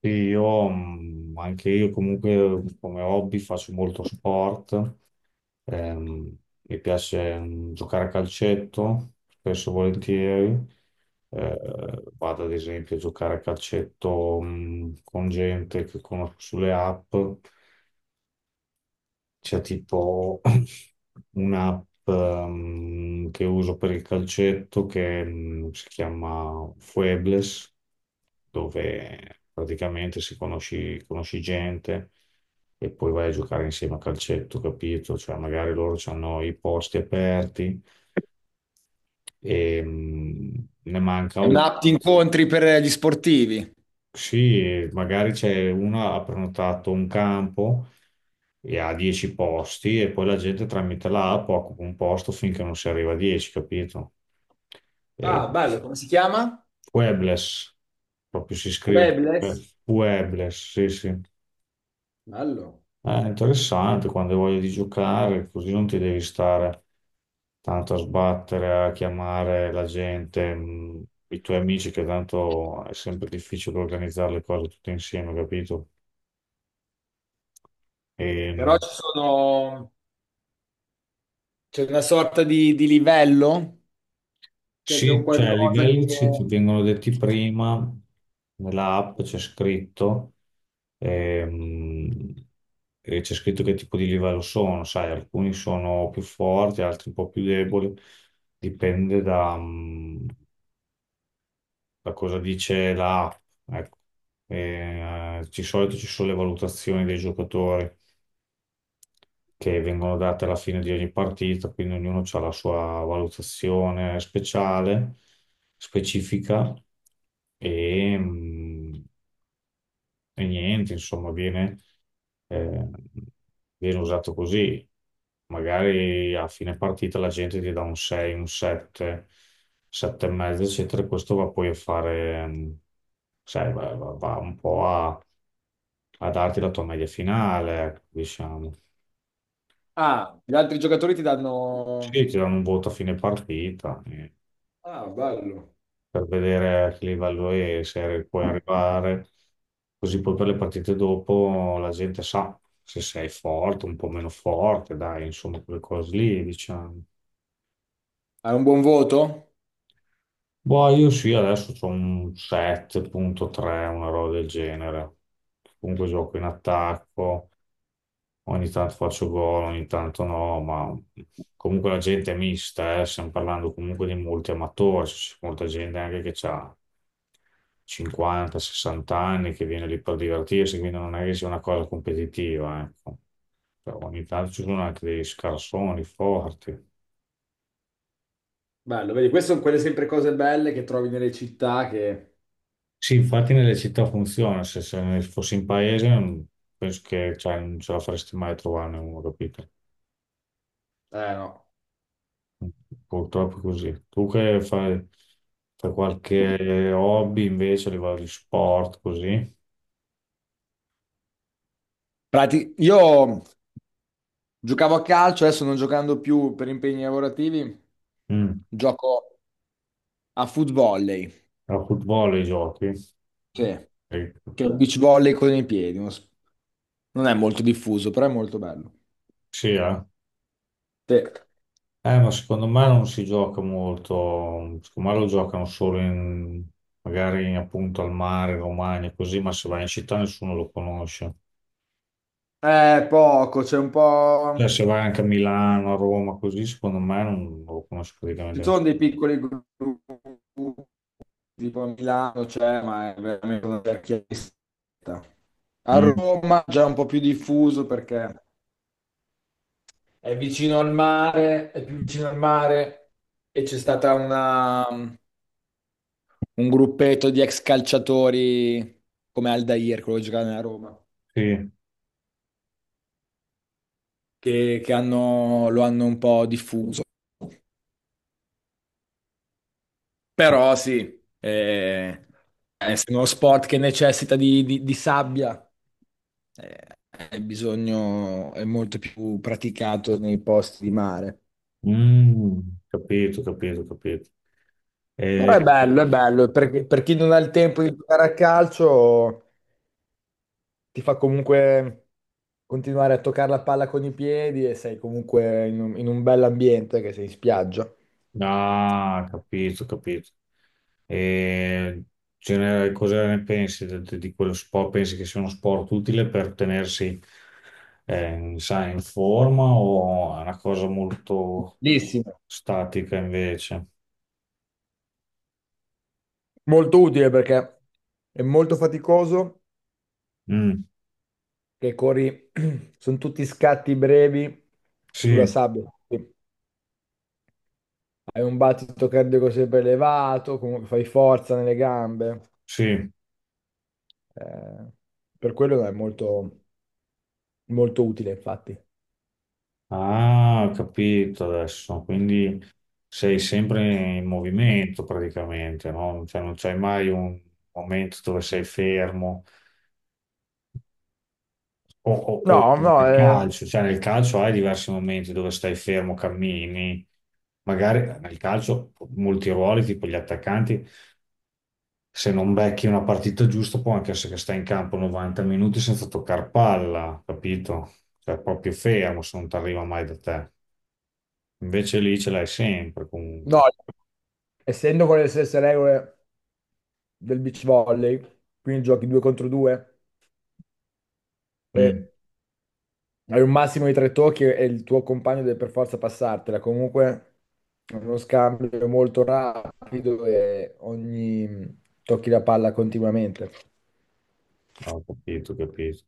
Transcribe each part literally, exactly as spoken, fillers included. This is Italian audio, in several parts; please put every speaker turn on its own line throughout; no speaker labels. Sì, Io, mh, anche io comunque mm, come hobby faccio molto sport. Ehm, mi piace mh, giocare a calcetto, spesso e volentieri. Eh, vado ad esempio a giocare a calcetto mh, con gente che conosco sulle app. C'è tipo un'app ehm, che uso per il calcetto che mm, si chiama Fuebles, dove praticamente si conosci, conosci gente e poi vai a giocare insieme a calcetto, capito? Cioè magari loro hanno i posti aperti e mm, ne manca
È
uno.
un'app di incontri per gli sportivi.
Sì, e magari c'è una ha prenotato un campo e ha dieci posti e poi la gente tramite l'app occupa un posto finché non si arriva a dieci, capito? E
Ah, bello. Come si chiama?
Webless, proprio si scrive.
Webless.
Webless, sì, sì.
Bello.
È interessante quando hai voglia di giocare, così non ti devi stare tanto a sbattere, a chiamare la gente, mh, i tuoi amici, che tanto è sempre difficile organizzare le cose tutte insieme, capito?
Però
Ehm,
ci sono... c'è una sorta di, di livello, cioè c'è un
sì, cioè i
qualcosa che...
livelli ci, ti vengono detti prima, nella app c'è scritto, ehm, e c'è scritto che tipo di livello sono, sai, alcuni sono più forti, altri un po' più deboli, dipende da, mm, da cosa dice la app. Ecco. E, eh, di solito ci sono le valutazioni dei giocatori, che vengono date alla fine di ogni partita, quindi ognuno ha la sua valutazione speciale, specifica. E, mh, e niente, insomma, viene, eh, viene usato così. Magari a fine partita la gente ti dà un sei, un sette, sette e mezzo, eccetera, e questo va poi a fare, mh, sai, va, va- va un po' a, a darti la tua media finale, ecco, diciamo.
Ah, gli altri giocatori ti
Sì,
danno...
ti danno un voto a fine partita eh,
Ah, bello.
per vedere a che livello è, se puoi arrivare, così poi per le partite dopo la gente sa se sei forte, un po' meno forte, dai, insomma, quelle cose lì, diciamo.
Hai un buon voto?
Boh, io sì, adesso ho un sette virgola tre, una roba del genere. Comunque gioco in attacco. Ogni tanto faccio gol, ogni tanto no, ma comunque la gente è mista, eh. Stiamo parlando comunque di molti amatori, c'è molta gente anche che ha cinquanta, sessanta anni che viene lì per divertirsi, quindi non è che sia una cosa competitiva, ecco. Però ogni tanto ci sono anche dei scarsoni forti.
Bello, vedi, queste sono quelle sempre cose belle che trovi nelle città che...
Sì, infatti nelle città funziona, se, se fossi in paese non- penso che, cioè, non ce la faresti mai a trovarne uno, capito?
Eh, no.
Purtroppo è così. Tu che fai, fai qualche hobby invece a livello di sport, così?
Prati- Io giocavo a calcio, adesso non giocando più per impegni lavorativi,
Mm.
gioco a foot volley.
A football i giochi?
Sì. Che
Sì.
è il beach volley con i piedi, uno s- non è molto diffuso, però è molto bello.
Sì, eh?
Sì.
Eh, ma secondo me non si gioca molto, secondo me lo giocano solo in, magari appunto al mare, in Romagna, così, ma se vai in città nessuno lo conosce.
È poco, c'è un
Cioè,
po'...
se vai anche a Milano, a Roma, così, secondo me non lo conosce praticamente
Ci sono
nessuno.
dei piccoli gruppi, tipo a Milano c'è, ma è veramente una vecchia lista. A
Mm.
Roma già un po' più diffuso perché è vicino al mare, è più vicino al mare e c'è stata una, un gruppetto di ex calciatori come Aldair, quello che giocava nella Roma,
Sì.
che, che hanno- lo hanno un po' diffuso. Però sì, eh, essendo uno sport che necessita di, di- di sabbia, eh, è bisogno, è molto più praticato nei posti di mare.
Mm, capito, capito, capito.
Però
Eh,
è bello, è bello, perché per chi non ha il tempo di giocare a calcio, ti fa comunque continuare a toccare la palla con i piedi e sei comunque in un, in un bell'ambiente che sei in spiaggia.
ah, capito, capito. E ce ne- cosa ne pensi de- de- di, quello sport? Pensi che sia uno sport utile per tenersi eh, sai, in forma o è una cosa molto
Bellissimo.
statica invece?
Molto utile perché è molto faticoso
Mm,
che corri, sono tutti scatti brevi sulla
sì,
sabbia. Quindi hai un battito cardiaco sempre elevato, comunque fai forza nelle gambe.
sì.
eh, per quello è molto, molto utile, infatti.
Ah, ho capito adesso. Quindi sei sempre in movimento praticamente, no? Cioè, non c'hai mai un momento dove sei fermo. O, o-
No,
o
no,
nel
eh,
calcio, cioè nel calcio hai diversi momenti dove stai fermo, cammini. Magari nel calcio molti ruoli, tipo gli attaccanti, se non becchi una partita giusta, può anche essere che stai in campo novanta minuti senza toccare palla, capito? Cioè proprio fermo se non ti arriva mai da te. Invece lì ce l'hai sempre
no,
comunque.
essendo con le stesse regole del beach volley, quindi giochi due contro due, e
Mm,
hai un massimo di tre tocchi e il tuo compagno deve per forza passartela. Comunque è uno scambio molto rapido e ogni tocchi la palla continuamente.
Ho capito, ho capito.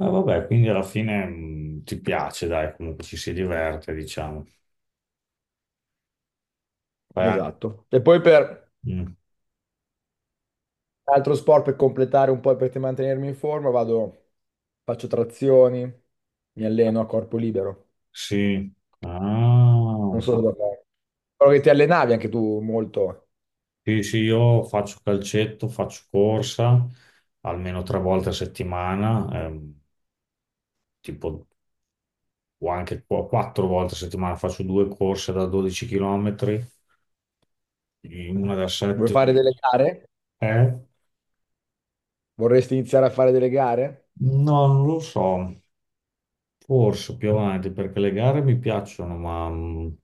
Eh, vabbè, quindi alla fine mh, ti piace, dai, comunque ci si diverte, diciamo. Fai anche-
Esatto. E poi per
mm.
altro sport per completare un po' e per mantenermi in forma, vado, faccio trazioni, mi alleno a corpo libero.
Sì. Ah,
Non so cosa fare. Però che ti allenavi anche tu molto.
sì, sì, io faccio calcetto, faccio corsa almeno tre volte a settimana, ehm, tipo o anche qu- quattro volte a settimana faccio due corse da dodici chilometri, una da
Vuoi
sette,
fare delle gare?
eh?
Vorresti iniziare a fare delle gare?
No, non lo so. Forse più avanti, perché le gare mi piacciono, ma mh,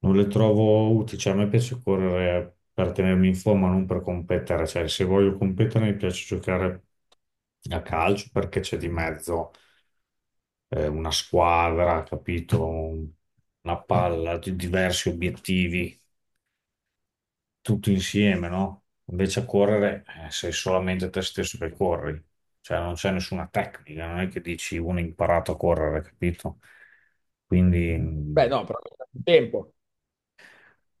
non le trovo utili. Cioè, a me piace correre per tenermi in forma, non per competere. Cioè, se voglio competere, mi piace giocare a calcio perché c'è di mezzo eh, una squadra, capito? Una palla, di diversi obiettivi, tutto insieme, no? Invece a correre eh, sei solamente te stesso che corri, cioè non c'è nessuna tecnica, non è che dici uno ha imparato a correre, capito? Quindi
Beh,
mh,
no, però non hai tempo.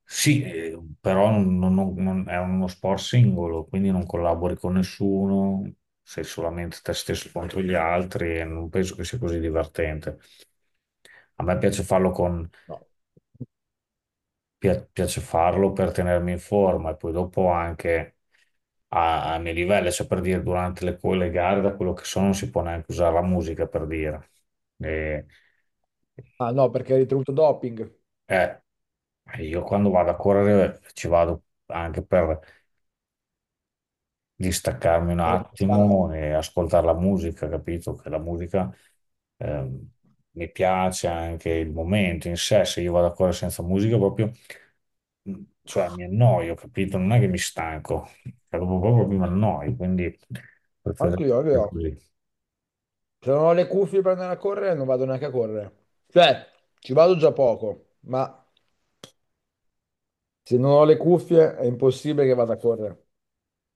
sì, eh, però non- non- non- non- è uno sport singolo, quindi non collabori con nessuno, sei solamente te stesso contro gli altri e non penso che sia così divertente. A me piace farlo con
No.
pia- piace farlo per tenermi in forma e poi dopo anche a- ai miei livelli, cioè per dire durante le, co- le gare, da quello che so, non si può neanche usare la musica per dire. E-
Ah no, perché hai ricevuto doping
eh, io quando vado a correre ci vado anche per di staccarmi un
per il
attimo
pensavo.
e ascoltare la musica, capito? Che la musica ehm, mi piace anche il momento in sé, se io vado a correre senza musica proprio, mh, cioè mi annoio, capito? Non è che mi stanco, cioè, proprio, proprio mi annoio, quindi
Anche io, anche
preferisco
io.
così.
Se non ho le cuffie per andare a correre, non vado neanche a correre. Cioè, ci vado già poco, ma se non ho le cuffie è impossibile che vada a correre.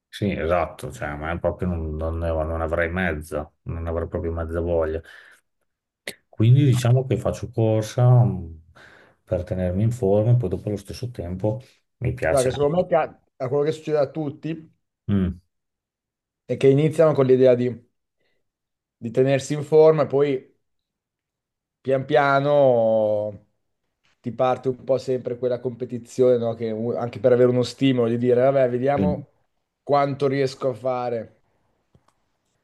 Sì, esatto, cioè, ma è proprio non, non ne- non avrei mezza, non avrei proprio mezza voglia. Quindi diciamo che faccio corsa mh, per tenermi in forma e poi dopo allo stesso tempo mi
Guarda,
piace.
che secondo me ca- a quello che succede a tutti
Mm,
è che iniziano con l'idea di, di tenersi in forma e poi pian piano ti parte un po' sempre quella competizione, no? Che u- anche per avere uno stimolo di dire, vabbè,
mm.
vediamo quanto riesco a fare.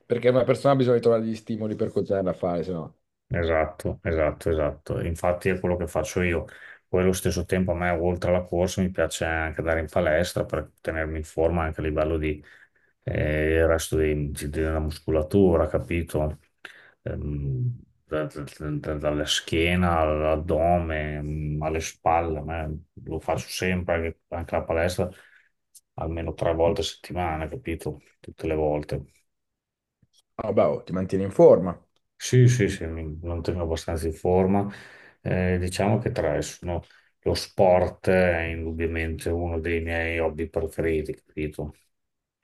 Perché una persona ha bisogno di trovare gli stimoli per continuare a fare, se no,
Esatto, esatto, esatto. Infatti è quello che faccio io. Poi allo stesso tempo a me, oltre alla corsa, mi piace anche andare in palestra per tenermi in forma anche a livello di, eh, il resto dei- di- della muscolatura, capito? Ehm, da- da- da- dalla schiena all'addome, mm, alle spalle, a me lo faccio sempre anche, anche la palestra almeno tre volte a settimana, capito? Tutte le volte.
"Ah, vabbè, oh, ti mantieni in forma.
Sì, sì, sì, mi mantengo abbastanza in forma. Eh, diciamo che tre sono lo sport è indubbiamente uno dei miei hobby preferiti, capito?